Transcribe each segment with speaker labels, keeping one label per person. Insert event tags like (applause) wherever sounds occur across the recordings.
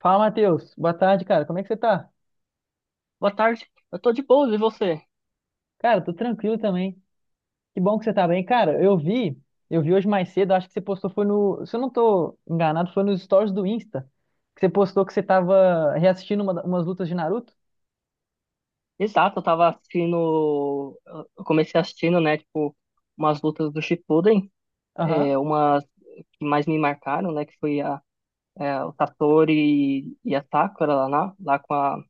Speaker 1: Fala, Matheus. Boa tarde, cara. Como é que você tá?
Speaker 2: Boa tarde, eu tô de boas, e você?
Speaker 1: Cara, tô tranquilo também. Que bom que você tá bem. Cara, eu vi hoje mais cedo, acho que você postou foi no, se eu não tô enganado, foi nos stories do Insta, que você postou que você tava reassistindo umas lutas de Naruto.
Speaker 2: Exato, eu tava assistindo, eu comecei assistindo, né, tipo, umas lutas do Shippuden,
Speaker 1: Aham.
Speaker 2: umas que mais me marcaram, né, que foi a, o Satori e a Sakura lá, lá com a,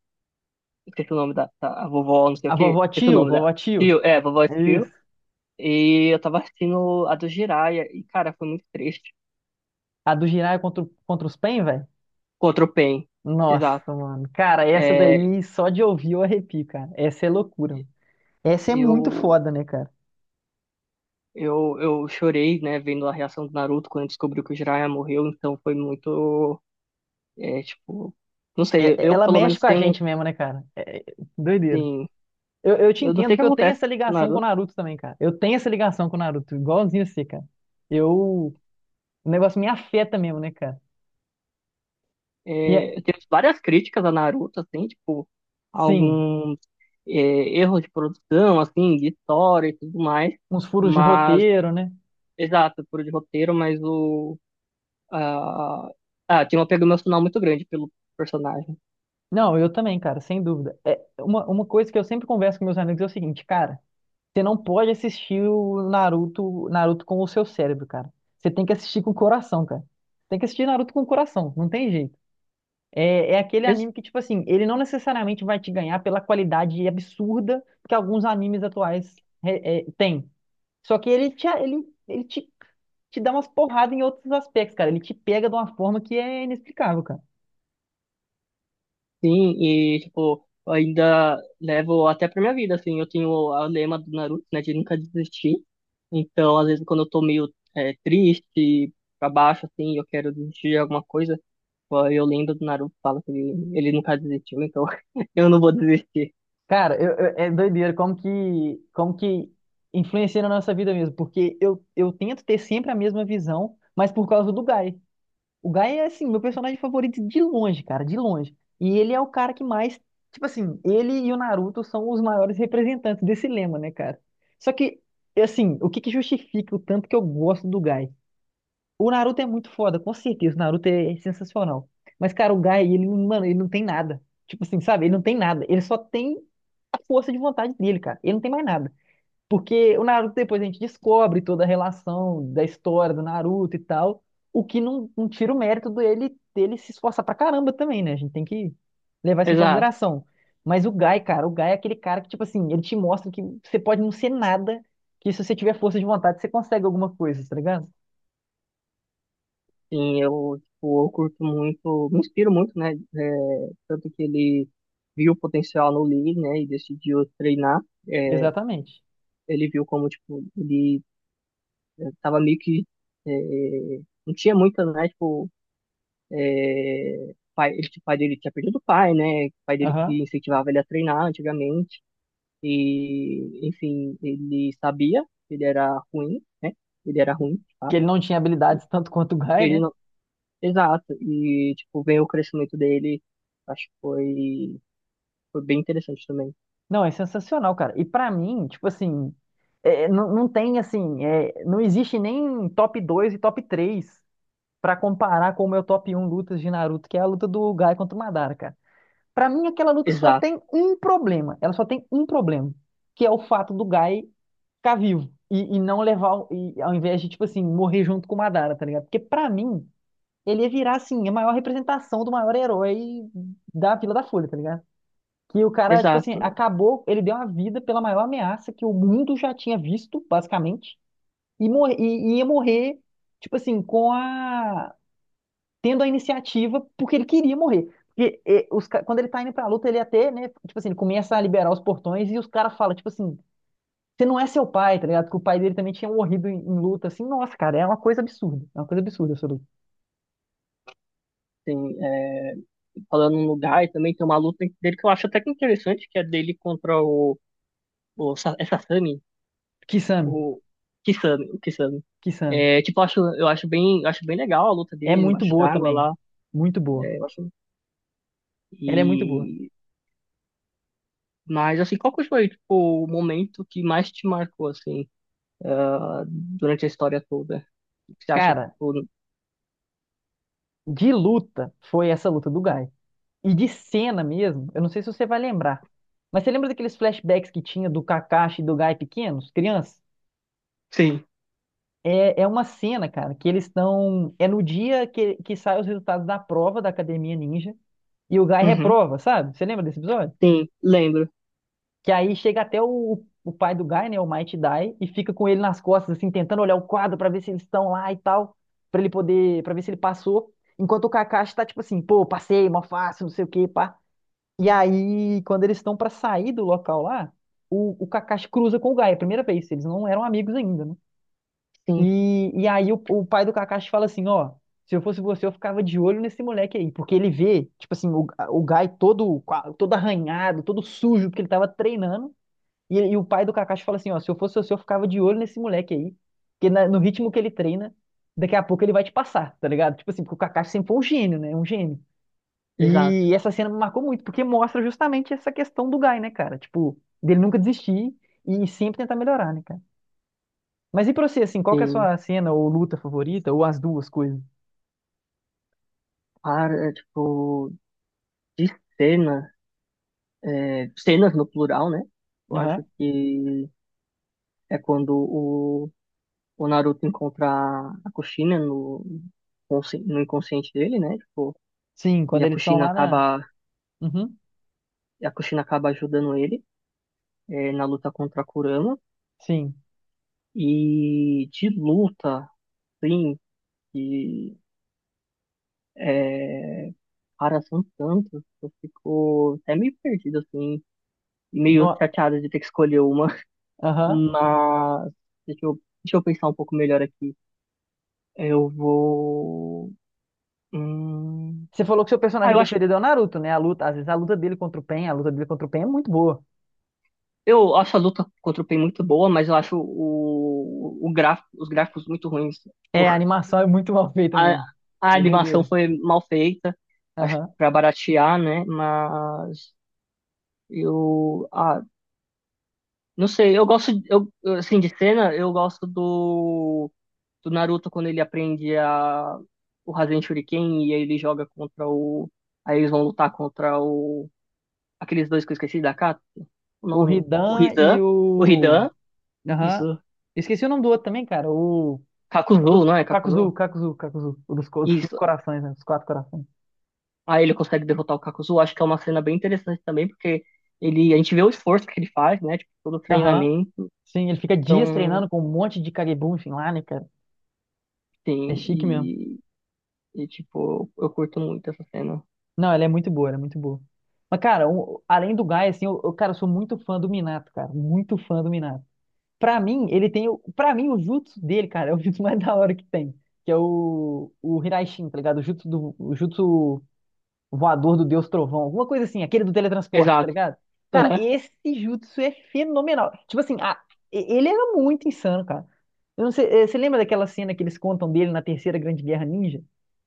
Speaker 2: esqueci o nome da, a vovó, não sei o
Speaker 1: A
Speaker 2: que,
Speaker 1: vovó
Speaker 2: esqueci o
Speaker 1: Tio,
Speaker 2: nome dela,
Speaker 1: vovó Tio.
Speaker 2: tio é, vovó tio
Speaker 1: Isso.
Speaker 2: e eu tava assistindo a do Jiraiya, e cara, foi muito triste,
Speaker 1: A do Jiraiya contra, contra os Pain, velho.
Speaker 2: contra o Pain, exato,
Speaker 1: Nossa, mano. Cara, essa
Speaker 2: é,
Speaker 1: daí só de ouvir eu arrepio, cara. Essa é loucura, mano. Essa é muito
Speaker 2: eu
Speaker 1: foda, né, cara?
Speaker 2: eu chorei, né, vendo a reação do Naruto quando descobriu que o Jiraiya morreu, então foi muito, é, tipo, não sei, eu
Speaker 1: Ela
Speaker 2: pelo
Speaker 1: mexe
Speaker 2: menos
Speaker 1: com a
Speaker 2: tenho, um,
Speaker 1: gente mesmo, né, cara? É doideira.
Speaker 2: assim,
Speaker 1: Eu te
Speaker 2: eu não sei o
Speaker 1: entendo
Speaker 2: que
Speaker 1: que eu tenho
Speaker 2: acontece
Speaker 1: essa
Speaker 2: com o
Speaker 1: ligação com o
Speaker 2: Naruto.
Speaker 1: Naruto também, cara. Eu tenho essa ligação com o Naruto, igualzinho você, cara. Eu. O negócio me afeta mesmo, né, cara? E é,
Speaker 2: É, eu tenho várias críticas a Naruto, assim, tipo,
Speaker 1: sim,
Speaker 2: alguns é, erros de produção, assim, de história e tudo mais,
Speaker 1: uns furos de
Speaker 2: mas,
Speaker 1: roteiro, né?
Speaker 2: exato, por de roteiro, mas o, ah, ah, tinha um apego emocional muito grande pelo personagem.
Speaker 1: Não, eu também, cara, sem dúvida. É, uma coisa que eu sempre converso com meus amigos é o seguinte, cara, você não pode assistir o Naruto, Naruto com o seu cérebro, cara. Você tem que assistir com o coração, cara. Tem que assistir Naruto com o coração, não tem jeito. É aquele anime que, tipo assim, ele não necessariamente vai te ganhar pela qualidade absurda que alguns animes atuais têm. Só que ele te dá umas porradas em outros aspectos, cara. Ele te pega de uma forma que é inexplicável, cara.
Speaker 2: Sim, e tipo, eu ainda levo até pra minha vida, assim, eu tenho o lema do Naruto, né, de nunca desistir. Então, às vezes, quando eu tô meio é, triste, pra baixo, assim, eu quero desistir de alguma coisa, ó, eu lembro do Naruto, fala que ele nunca desistiu, então (laughs) eu não vou desistir.
Speaker 1: Cara, é doideira como que influencia na nossa vida mesmo. Porque eu tento ter sempre a mesma visão, mas por causa do Guy. O Guy é, assim, meu personagem favorito de longe, cara, de longe. E ele é o cara que mais, tipo assim, ele e o Naruto são os maiores representantes desse lema, né, cara? Só que, assim, o que que justifica o tanto que eu gosto do Guy? O Naruto é muito foda, com certeza, o Naruto é sensacional. Mas, cara, o Guy, ele, mano, ele não tem nada. Tipo assim, sabe? Ele não tem nada. Ele só tem a força de vontade dele, cara. Ele não tem mais nada. Porque o Naruto depois a gente descobre toda a relação da história do Naruto e tal, o que não tira o mérito dele se esforçar pra caramba também, né? A gente tem que levar isso em
Speaker 2: Exato,
Speaker 1: consideração. Mas o Gai, cara, o Gai é aquele cara que, tipo assim, ele te mostra que você pode não ser nada, que se você tiver força de vontade, você consegue alguma coisa, tá ligado?
Speaker 2: sim, eu, tipo, eu curto muito, me inspiro muito, né, é, tanto que ele viu o potencial no Lee, né, e decidiu treinar, é,
Speaker 1: Exatamente.
Speaker 2: ele viu como, tipo, ele Eu tava meio que. É, não tinha muita, né? Tipo, é, pai, ele, tipo, o pai dele tinha perdido o pai, né? O pai dele
Speaker 1: Aham.
Speaker 2: que incentivava ele a treinar antigamente. E, enfim, ele sabia que ele era ruim, né? Ele era ruim, tá?
Speaker 1: Que ele não tinha
Speaker 2: E
Speaker 1: habilidades tanto quanto o Gai,
Speaker 2: Ele
Speaker 1: né?
Speaker 2: não... Exato. E, tipo, vem o crescimento dele. Acho que foi, foi bem interessante também.
Speaker 1: Não, é sensacional, cara. E pra mim, tipo assim, é, não, não tem assim, é, não existe nem top 2 e top 3 pra comparar com o meu top 1 lutas de Naruto, que é a luta do Gai contra o Madara, cara. Pra mim, aquela luta só
Speaker 2: Exato,
Speaker 1: tem um problema. Ela só tem um problema, que é o fato do Gai ficar vivo e não levar, e, ao invés de, tipo assim, morrer junto com o Madara, tá ligado? Porque pra mim, ele ia virar, assim, a maior representação do maior herói da Vila da Folha, tá ligado? Que o cara, tipo assim,
Speaker 2: exato.
Speaker 1: acabou, ele deu a vida pela maior ameaça que o mundo já tinha visto, basicamente, e, morre, e ia morrer, tipo assim, com a, tendo a iniciativa porque ele queria morrer. Porque quando ele tá indo pra luta, ele até, né, tipo assim, ele começa a liberar os portões e os caras falam, tipo assim, você não é seu pai, tá ligado? Porque o pai dele também tinha morrido em luta, assim, nossa, cara, é uma coisa absurda. É uma coisa absurda essa luta.
Speaker 2: Assim, é, falando no lugar, e também tem uma luta dele que eu acho até que interessante, que é dele contra o, Sa- é Sasami,
Speaker 1: Kisame,
Speaker 2: o Kisame, o Kisame.
Speaker 1: Kisame.
Speaker 2: É, tipo, eu acho bem legal a luta
Speaker 1: É
Speaker 2: dele
Speaker 1: muito
Speaker 2: embaixo
Speaker 1: boa
Speaker 2: d'água
Speaker 1: também.
Speaker 2: lá.
Speaker 1: Muito boa.
Speaker 2: É, eu acho,
Speaker 1: Ela é muito boa.
Speaker 2: e, mas assim, qual que foi, tipo, o momento que mais te marcou, assim, ah, durante a história toda? O que você acha que,
Speaker 1: Cara,
Speaker 2: tipo,
Speaker 1: de luta foi essa luta do Guy. E de cena mesmo, eu não sei se você vai lembrar. Mas você lembra daqueles flashbacks que tinha do Kakashi e do Guy pequenos, crianças?
Speaker 2: sim,
Speaker 1: É uma cena, cara, que eles estão. É no dia que saem os resultados da prova da Academia Ninja e o Guy
Speaker 2: uhum,
Speaker 1: reprova, sabe? Você lembra desse episódio?
Speaker 2: sim, lembro,
Speaker 1: Que aí chega até o pai do Guy, né? O Mighty Dai, e fica com ele nas costas, assim, tentando olhar o quadro pra ver se eles estão lá e tal, pra ele poder, pra ver se ele passou. Enquanto o Kakashi tá tipo assim, pô, passei, mó fácil, não sei o quê, pá. E aí, quando eles estão pra sair do local lá, o Kakashi cruza com o Guy, é a primeira vez, eles não eram amigos ainda, né?
Speaker 2: sim,
Speaker 1: E aí o pai do Kakashi fala assim, ó, se eu fosse você, eu ficava de olho nesse moleque aí, porque ele vê, tipo assim, o Guy todo, todo arranhado, todo sujo, porque ele tava treinando, e o pai do Kakashi fala assim, ó, se eu fosse você, eu ficava de olho nesse moleque aí, porque no ritmo que ele treina, daqui a pouco ele vai te passar, tá ligado? Tipo assim, porque o Kakashi sempre foi um gênio, né? Um gênio.
Speaker 2: exato,
Speaker 1: E essa cena me marcou muito, porque mostra justamente essa questão do Guy, né, cara? Tipo, dele nunca desistir e sempre tentar melhorar, né, cara? Mas e pra você, assim, qual que é a
Speaker 2: sim.
Speaker 1: sua cena ou luta favorita, ou as duas coisas?
Speaker 2: Para, tipo, de cena, é, cenas no plural, né? Eu
Speaker 1: Aham.
Speaker 2: acho que é quando o Naruto encontra a Kushina no, consci- no inconsciente dele, né? Tipo,
Speaker 1: Sim,
Speaker 2: e
Speaker 1: quando
Speaker 2: a
Speaker 1: eles estão
Speaker 2: Kushina
Speaker 1: lá na.
Speaker 2: acaba,
Speaker 1: Uhum.
Speaker 2: e a Kushina acaba ajudando ele é, na luta contra a Kurama.
Speaker 1: Sim.
Speaker 2: E de luta, sim, que é, cara, são tantos, eu fico até meio perdido, assim, e meio
Speaker 1: No-
Speaker 2: chateado de ter que escolher uma.
Speaker 1: Aham.
Speaker 2: Mas deixa eu, deixa eu pensar um pouco melhor aqui. Eu vou. Hum...
Speaker 1: Você falou que seu
Speaker 2: Ah,
Speaker 1: personagem
Speaker 2: eu acho
Speaker 1: preferido é o Naruto, né? A luta, às vezes a luta dele contra o Pen, a luta dele contra o Pen é muito boa.
Speaker 2: Eu acho a luta contra o Pain muito boa, mas eu acho o gráfico, os gráficos muito ruins. Tipo,
Speaker 1: É, a animação é muito (laughs) mal feita
Speaker 2: A,
Speaker 1: mesmo.
Speaker 2: a
Speaker 1: É
Speaker 2: animação
Speaker 1: doideira.
Speaker 2: foi mal feita, acho que
Speaker 1: Aham.
Speaker 2: pra baratear, né? Mas eu, ah, não sei, eu gosto, eu, assim, de cena, eu gosto do, do Naruto quando ele aprende a, o Rasen Shuriken e aí ele joga contra o, aí eles vão lutar contra o, aqueles dois que eu esqueci da Katsu, o
Speaker 1: O
Speaker 2: nome,
Speaker 1: Hidan e
Speaker 2: O
Speaker 1: o.
Speaker 2: Hidan,
Speaker 1: Aham.
Speaker 2: isso.
Speaker 1: Esqueci o nome do outro também, cara. O. O
Speaker 2: Kakuzu,
Speaker 1: dos
Speaker 2: não é?
Speaker 1: Kakuzu,
Speaker 2: Kakuzu?
Speaker 1: Kakuzu, Kakuzu. O dos os cinco
Speaker 2: Isso.
Speaker 1: corações, né? Os quatro corações.
Speaker 2: Aí ele consegue derrotar o Kakuzu. Acho que é uma cena bem interessante também, porque ele, a gente vê o esforço que ele faz, né? Tipo, todo o
Speaker 1: Aham.
Speaker 2: treinamento.
Speaker 1: Sim, ele fica dias
Speaker 2: Então,
Speaker 1: treinando com um monte de Kagebunshin lá, né, cara? É
Speaker 2: sim.
Speaker 1: chique mesmo.
Speaker 2: E, tipo, eu curto muito essa cena.
Speaker 1: Não, ela é muito boa, ela é muito boa. Mas, cara, além do Gaia, assim, cara, eu sou muito fã do Minato, cara. Muito fã do Minato. Pra mim, ele tem. Pra mim, o jutsu dele, cara, é o jutsu (laughs) mais da hora que tem. Que é o Hiraishin, tá ligado? O jutsu do. O jutsu voador do Deus Trovão, alguma coisa assim, aquele do teletransporte, tá
Speaker 2: Exato.
Speaker 1: ligado? Cara,
Speaker 2: Aham.
Speaker 1: esse jutsu é fenomenal. Tipo assim, ele era muito insano, cara. Eu não sei, você lembra daquela cena que eles contam dele na Terceira Grande Guerra Ninja?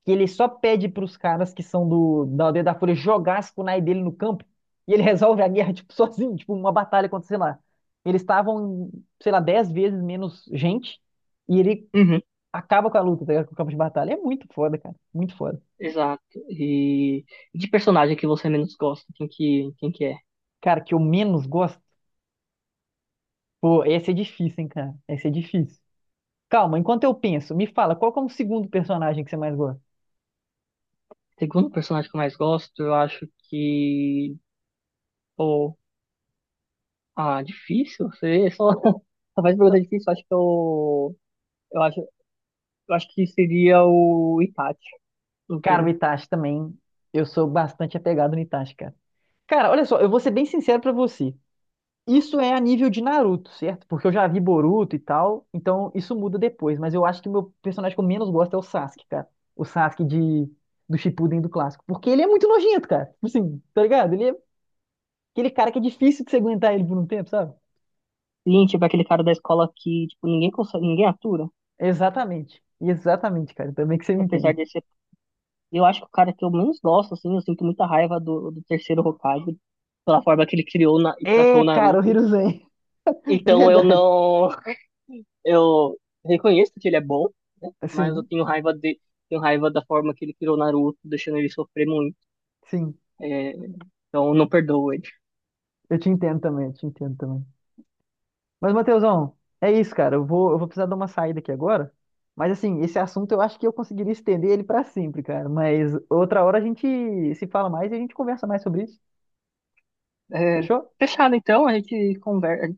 Speaker 1: Que ele só pede pros caras que são da Aldeia da Fúria jogar as kunai dele no campo e ele (laughs) resolve a guerra, tipo, sozinho, tipo, uma batalha contra, sei lá. Eles estavam, sei lá, 10 vezes menos gente e ele
Speaker 2: Uhum.
Speaker 1: acaba com a luta, tá ligado? Com o campo de batalha. É muito foda, cara. Muito foda.
Speaker 2: Exato. E de personagem que você menos gosta, quem que é?
Speaker 1: Cara, que eu menos gosto. Pô, esse é difícil, hein, cara? Esse é difícil. Calma, enquanto eu penso, me fala, qual que é o segundo personagem que você mais gosta?
Speaker 2: Segundo personagem que eu mais gosto, eu acho que. Pô, ah, difícil? Você só, (laughs) só faz pergunta
Speaker 1: Não,
Speaker 2: difícil. Eu acho que eu. Eu acho. Eu acho que seria o Itachi,
Speaker 1: cara, o
Speaker 2: enfim.
Speaker 1: Itachi também. Eu sou bastante apegado no Itachi, cara. Cara, olha só, eu vou ser bem sincero pra você. Isso é a nível de Naruto, certo? Porque eu já vi Boruto e tal, então isso muda depois. Mas eu acho que o meu personagem que eu menos gosto é o Sasuke, cara. O Sasuke de, do Shippuden do clássico. Porque ele é muito nojento, cara. Tipo assim, tá ligado? Ele é aquele cara que é difícil de você aguentar ele por um tempo, sabe?
Speaker 2: Lin, tipo, é aquele cara da escola que, tipo, ninguém consegue, ninguém atura.
Speaker 1: Exatamente. Exatamente, cara. Também que você me
Speaker 2: Apesar
Speaker 1: entende.
Speaker 2: de ser. Eu acho que o cara que eu menos gosto, assim, eu sinto muita raiva do, do terceiro Hokage, pela forma que ele criou na- e tratou
Speaker 1: É,
Speaker 2: o
Speaker 1: cara, o
Speaker 2: Naruto.
Speaker 1: Hiruzen. (laughs) É
Speaker 2: Então eu
Speaker 1: verdade.
Speaker 2: não. Eu reconheço que ele é bom, né? Mas eu
Speaker 1: Sim,
Speaker 2: tenho raiva de. Tenho raiva da forma que ele criou o Naruto, deixando ele sofrer muito.
Speaker 1: sim.
Speaker 2: É, então eu não perdoo ele.
Speaker 1: Eu te entendo também, eu te entendo também. Mas, Matheusão, é isso, cara. Eu vou precisar dar uma saída aqui agora. Mas, assim, esse assunto eu acho que eu conseguiria estender ele pra sempre, cara. Mas outra hora a gente se fala mais e a gente conversa mais sobre isso.
Speaker 2: É,
Speaker 1: Fechou?
Speaker 2: fechado, então, a gente conversa,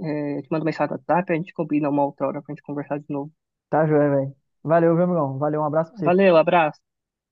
Speaker 2: é, te manda mensagem no WhatsApp, a gente combina uma outra hora pra gente conversar de novo.
Speaker 1: Tá, joia, velho. Valeu, meu irmão. Valeu, um abraço pra você.
Speaker 2: Valeu, abraço.